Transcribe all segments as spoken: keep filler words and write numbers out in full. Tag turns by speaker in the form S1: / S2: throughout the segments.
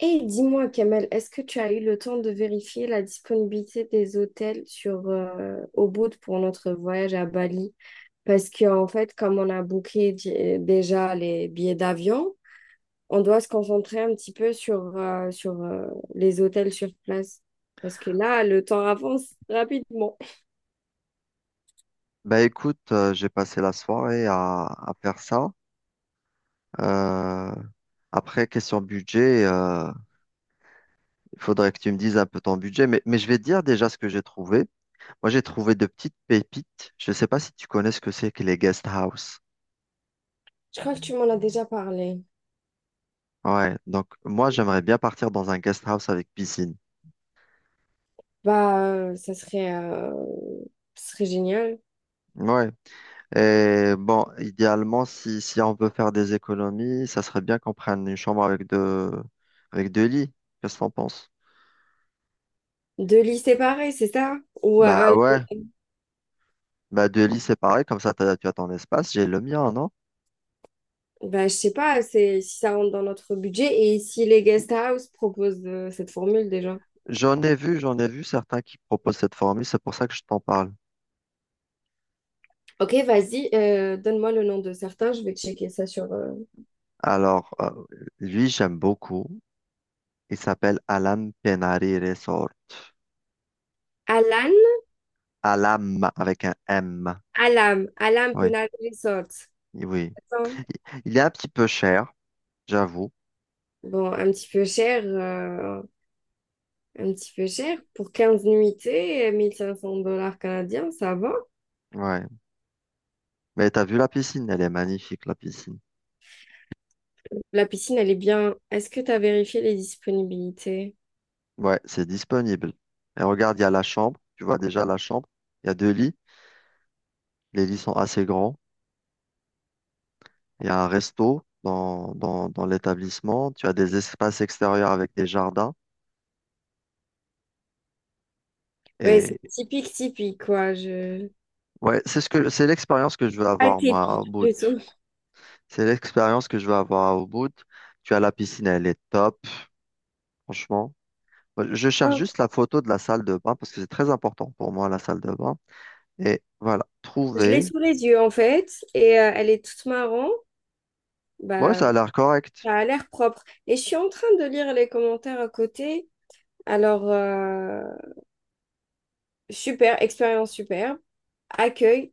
S1: Et dis-moi, Kamel, est-ce que tu as eu le temps de vérifier la disponibilité des hôtels sur euh, Ubud pour notre voyage à Bali? Parce que en fait, comme on a booké di- déjà les billets d'avion, on doit se concentrer un petit peu sur, euh, sur euh, les hôtels sur place. Parce que là, le temps avance rapidement.
S2: Bah écoute, euh, j'ai passé la soirée à, à faire ça. Euh, Après, question budget, euh, il faudrait que tu me dises un peu ton budget, mais, mais je vais te dire déjà ce que j'ai trouvé. Moi, j'ai trouvé de petites pépites. Je ne sais pas si tu connais ce que c'est que les guest house.
S1: Je crois que tu m'en as déjà parlé.
S2: Ouais, donc moi, j'aimerais bien partir dans un guest house avec piscine.
S1: Bah, euh, ça serait, euh, ça serait génial.
S2: Ouais. Et bon, idéalement, si, si on veut faire des économies, ça serait bien qu'on prenne une chambre avec deux, avec deux lits. Qu'est-ce que t'en penses?
S1: Deux lits séparés, c'est ça? Ou euh,
S2: Bah
S1: un
S2: ouais. Bah, de lit, c'est pareil, comme ça, t'as- tu as ton espace, j'ai le mien, non?
S1: ben, je sais pas, c'est si ça rentre dans notre budget et si les guest house proposent euh, cette formule déjà.
S2: J'en ai vu, j'en ai vu certains qui proposent cette formule, c'est pour ça que je t'en parle.
S1: Ok, vas-y, euh, donne-moi le nom de certains, je vais checker ça sur euh,
S2: Alors, euh, lui, j'aime beaucoup. Il s'appelle Alam Penari Resort.
S1: Alan,
S2: Alam, avec un M.
S1: Alam, Alam
S2: Oui,
S1: Penal Resort.
S2: oui.
S1: Attends.
S2: Il est un petit peu cher, j'avoue.
S1: Bon, un petit peu cher, euh, un petit peu cher pour quinze nuitées, mille cinq cents dollars canadiens, ça va.
S2: Ouais. Mais t'as vu la piscine, elle est magnifique, la piscine.
S1: La piscine, elle est bien. Est-ce que tu as vérifié les disponibilités?
S2: Ouais, c'est disponible. Et regarde, il y a la chambre. Tu vois déjà la chambre. Il y a deux lits. Les lits sont assez grands. Il y a un resto dans, dans, dans l'établissement. Tu as des espaces extérieurs avec des jardins.
S1: Ouais, c'est
S2: Et
S1: typique, typique, quoi. Je...
S2: ouais, c'est ce que, c'est l'expérience que je veux avoir, moi, au
S1: atypique,
S2: bout.
S1: plutôt.
S2: C'est l'expérience que je veux avoir au bout. Tu as la piscine, elle est top, franchement. Je cherche
S1: Ah,
S2: juste la photo de la salle de bain parce que c'est très important pour moi, la salle de bain. Et voilà,
S1: je l'ai
S2: trouver.
S1: sous les yeux, en fait, et euh, elle est toute marron.
S2: Ouais,
S1: Bah,
S2: ça a l'air correct.
S1: ça a l'air propre. Et je suis en train de lire les commentaires à côté. Alors, euh, super, expérience superbe. Accueille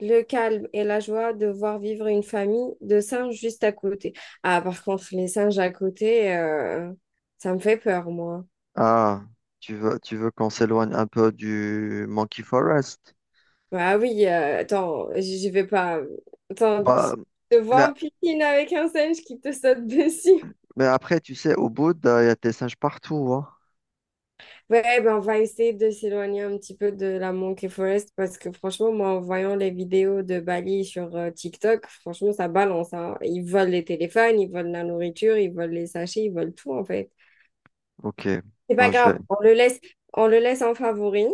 S1: le calme et la joie de voir vivre une famille de singes juste à côté. Ah, par contre, les singes à côté, euh, ça me fait peur, moi.
S2: Ah, tu veux, tu veux qu'on s'éloigne un peu du Monkey Forest?
S1: Ah oui, euh, attends, je je vais pas. Attends, tu
S2: Bah,
S1: te vois en piscine avec un singe qui te saute dessus.
S2: mais après, tu sais, au bout, il y a des singes partout, hein.
S1: Ouais, ben on va essayer de s'éloigner un petit peu de la Monkey Forest parce que franchement, moi, en voyant les vidéos de Bali sur euh, TikTok, franchement, ça balance, hein. Ils volent les téléphones, ils volent la nourriture, ils volent les sachets, ils volent tout, en fait.
S2: Ok,
S1: C'est pas
S2: bon, je vais.
S1: grave, on le laisse, on le laisse en favori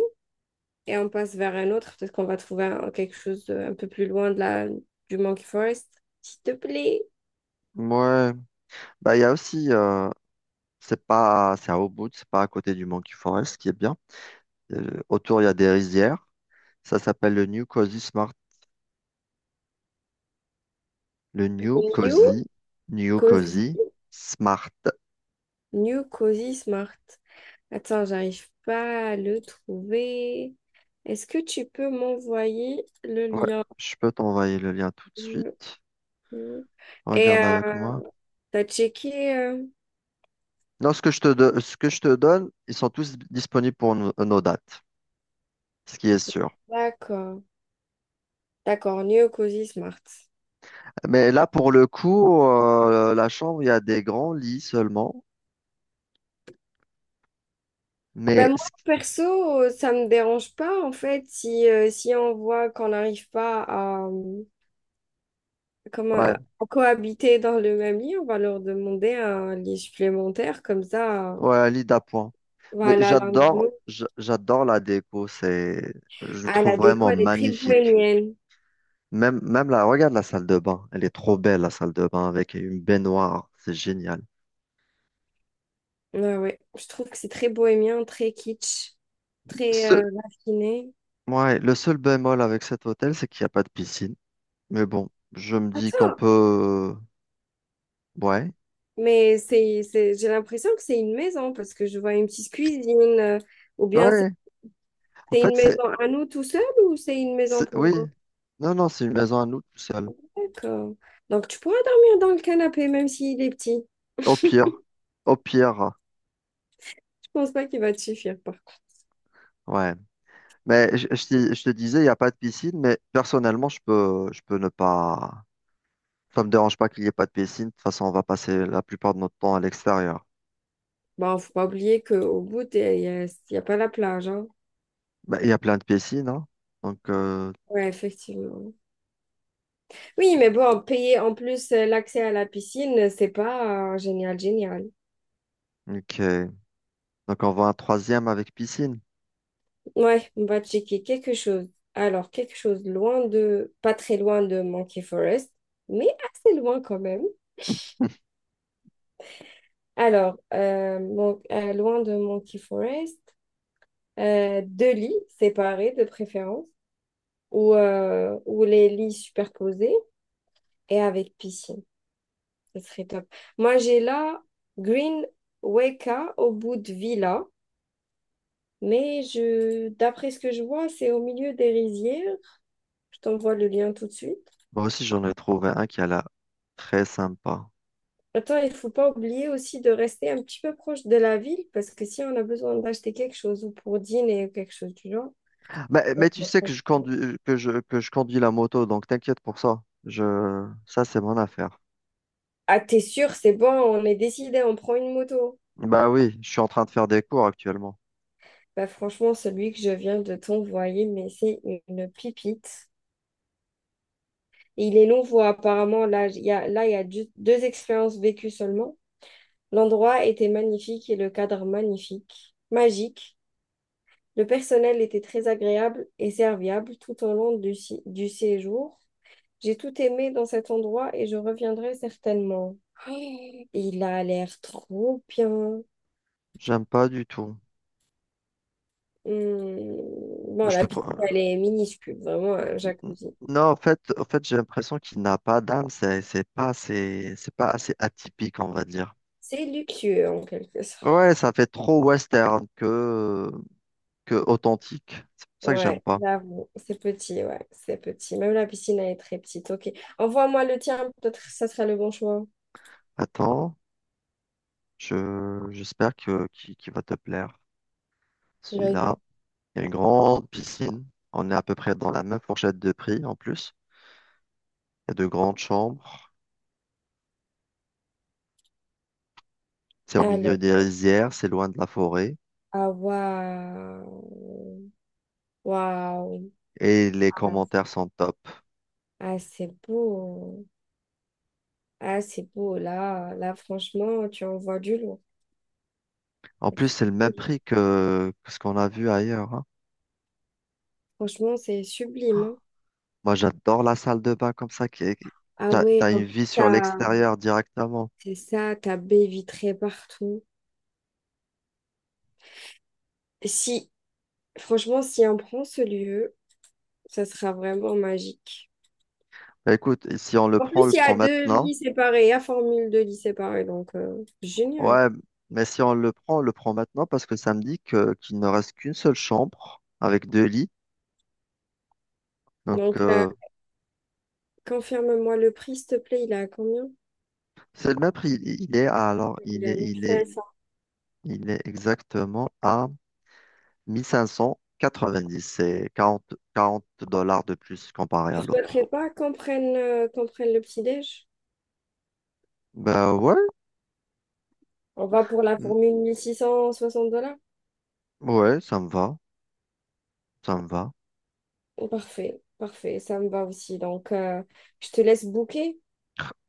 S1: et on passe vers un autre. Peut-être qu'on va trouver un- quelque chose de- un peu plus loin de la, du Monkey Forest. S'il te plaît.
S2: Ouais, bah, il y a aussi, euh, c'est pas, c'est à Ubud, c'est pas à côté du Monkey Forest, ce qui est bien. Euh, autour, il y a des rizières. Ça s'appelle le New Cozy Smart. Le New
S1: New
S2: Cozy, New
S1: Cozy.
S2: Cozy Smart.
S1: New Cozy Smart. Attends, j'arrive pas à le trouver. Est-ce que tu peux m'envoyer le
S2: Ouais,
S1: lien?
S2: je peux t'envoyer le lien tout de suite.
S1: New- Et
S2: Regarde avec
S1: euh,
S2: moi.
S1: t'as checké? euh,
S2: Non, ce que je te, do- ce que je te donne, ils sont tous disponibles pour nos nos dates, ce qui est sûr.
S1: D'accord. D'accord, New Cozy Smart.
S2: Mais là, pour le coup, euh, la chambre, il y a des grands lits seulement.
S1: Ben
S2: Mais
S1: moi,
S2: ce-
S1: perso, euh, ça me dérange pas, en fait, si, euh, si on voit qu'on n'arrive pas à, euh, comment,
S2: ouais,
S1: à cohabiter dans le même lit, on va leur demander un lit supplémentaire, comme ça, euh,
S2: ouais, un lit d'appoint. Mais
S1: voilà, l'un de
S2: j'adore,
S1: nous.
S2: j- j'adore la déco. C'est, je le
S1: Ah,
S2: trouve
S1: la déco,
S2: vraiment
S1: elle est très
S2: magnifique.
S1: bohémienne.
S2: Même, même là, regarde la salle de bain. Elle est trop belle, la salle de bain, avec une baignoire. C'est génial.
S1: Ouais, ouais. Je trouve que c'est très bohémien, très kitsch, très
S2: Ce,
S1: euh, raffiné.
S2: ouais, le seul bémol avec cet hôtel, c'est qu'il n'y a pas de piscine. Mais bon, je me dis qu'on
S1: Attends,
S2: peut, ouais,
S1: mais c'est, c'est, j'ai l'impression que c'est une maison, parce que je vois une petite cuisine, euh, ou bien c'est
S2: ouais. En
S1: c'est une
S2: fait, c'est,
S1: maison à nous tout seuls, ou c'est une maison
S2: c'est- oui.
S1: pour...
S2: Non, non, c'est une maison à nous tout seul.
S1: d'accord. Donc, tu pourras dormir dans le canapé, même s'il est petit.
S2: Au pire, au pire,
S1: Je pense pas qu'il va te suffire, par contre.
S2: ouais. Mais je, je te je te disais, il n'y a pas de piscine, mais personnellement, je peux, je peux ne pas. Ça me dérange pas qu'il n'y ait pas de piscine. De toute façon, on va passer la plupart de notre temps à l'extérieur.
S1: Bon, faut pas oublier qu'au bout, il n'y a, y a pas la plage, hein.
S2: Bah, il y a plein de piscines, hein. Donc, euh,
S1: Ouais, effectivement. Oui, mais bon, payer en plus euh, l'accès à la piscine, c'est pas euh, génial, génial.
S2: ok. Donc, on voit un troisième avec piscine.
S1: Ouais, on va checker quelque chose. Alors, quelque chose loin de, pas très loin de Monkey Forest, mais assez loin quand même. Alors, euh, mon- euh, loin de Monkey Forest, euh, deux lits séparés de préférence. ou, euh, ou les lits superposés et avec piscine. Ce serait top. Moi, j'ai là Green Weka au bout de Villa, mais je, d'après ce que je vois, c'est au milieu des rizières. Je t'envoie le lien tout de suite.
S2: Moi aussi, j'en ai trouvé un qui a l'air très sympa.
S1: Attends, il faut pas oublier aussi de rester un petit peu proche de la ville parce que si on a besoin d'acheter quelque chose ou pour dîner ou quelque chose du genre.
S2: Mais,
S1: on-
S2: mais tu
S1: on-
S2: sais que je
S1: on-
S2: conduis, que je, que je conduis la moto, donc t'inquiète pour ça. Je, ça, c'est mon affaire.
S1: Ah, t'es sûr, c'est bon, on est décidé, on prend une moto.
S2: Bah oui, je suis en train de faire des cours actuellement.
S1: Bah franchement, celui que je viens de t'envoyer, mais c'est une pipite. Et il est nouveau apparemment. Là, il y a, là, il y a ju- deux expériences vécues seulement. L'endroit était magnifique et le cadre magnifique, magique. Le personnel était très agréable et serviable tout au long du, si- du séjour. J'ai tout aimé dans cet endroit et je reviendrai certainement. Oh, il a l'air trop bien.
S2: J'aime pas du tout.
S1: Hmm. Bon,
S2: Je
S1: la
S2: te...
S1: piscine,
S2: pro-
S1: elle est minuscule, vraiment un jacuzzi.
S2: Non, en fait, en fait, j'ai l'impression qu'il n'a pas d'âme. C'est c'est pas assez, c'est pas assez atypique, on va dire.
S1: C'est luxueux en quelque sorte.
S2: Ouais, ça fait trop western que, que authentique. C'est pour ça que j'aime
S1: Ouais,
S2: pas.
S1: j'avoue, c'est petit, ouais, c'est petit. Même la piscine, elle est très petite. Ok, envoie-moi le tien, peut-être que ça serait le bon choix.
S2: Attends, je, j'espère que, qu'il, qu'il va te plaire.
S1: Vas-y.
S2: Celui-là, il y a une grande piscine. On est à peu près dans la même fourchette de prix en plus. Il y a de grandes chambres. C'est au milieu
S1: Alors,
S2: des rizières, c'est loin de la forêt.
S1: ah, waouh, waouh,
S2: Et les commentaires sont top.
S1: ah, c'est beau, ah, c'est beau. Là, là, franchement, tu envoies du lourd.
S2: En plus,
S1: C'est
S2: c'est le même
S1: beau.
S2: prix que, que ce qu'on a vu ailleurs.
S1: Franchement, c'est sublime, hein.
S2: Moi, j'adore la salle de bain comme ça, qui qui-
S1: Ah,
S2: t'as,
S1: ouais,
S2: t'as
S1: en
S2: une
S1: plus,
S2: vie sur
S1: t'as,
S2: l'extérieur directement.
S1: c'est ça, t'as baie vitrée partout. Si, franchement, si on prend ce lieu, ça sera vraiment magique.
S2: Bah, écoute, si on le
S1: En
S2: prend, on
S1: plus,
S2: le
S1: il y a
S2: prend
S1: deux
S2: maintenant.
S1: lits séparés, il y a formule deux lits séparés, donc euh, génial.
S2: Ouais, mais si on le prend, on le prend maintenant parce que ça me dit que, qu'il ne reste qu'une seule chambre avec deux lits. Donc,
S1: Donc, euh,
S2: euh,
S1: confirme-moi le prix, s'il te plaît, il est à combien?
S2: c'est le même prix. Il il est à- alors,
S1: Il
S2: il
S1: est à
S2: est, il est,
S1: mille cinq cents.
S2: il est exactement à mille cinq cent quatre-vingt-dix. C'est quarante quarante dollars de plus comparé
S1: Tu
S2: à l'autre.
S1: souhaiterais pas qu'on prenne, euh, qu'on prenne le petit-déj?
S2: Bah ouais,
S1: On va pour la
S2: mm,
S1: formule mille six cent soixante dollars?
S2: ouais, ça me va, ça me va.
S1: Parfait, parfait, ça me va aussi. Donc, euh, je te laisse booker.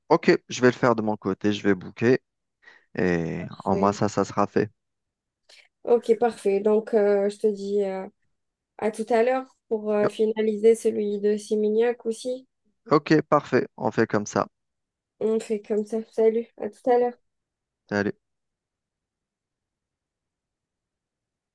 S2: Ok, je vais le faire de mon côté, je vais booker et en moi
S1: Parfait.
S2: ça, ça sera fait.
S1: Ok, parfait. Donc, euh, je te dis euh, à tout à l'heure pour euh, finaliser celui de Simignac aussi.
S2: Ok, parfait, on fait comme ça.
S1: On fait comme ça. Salut, à tout à l'heure.
S2: Salut.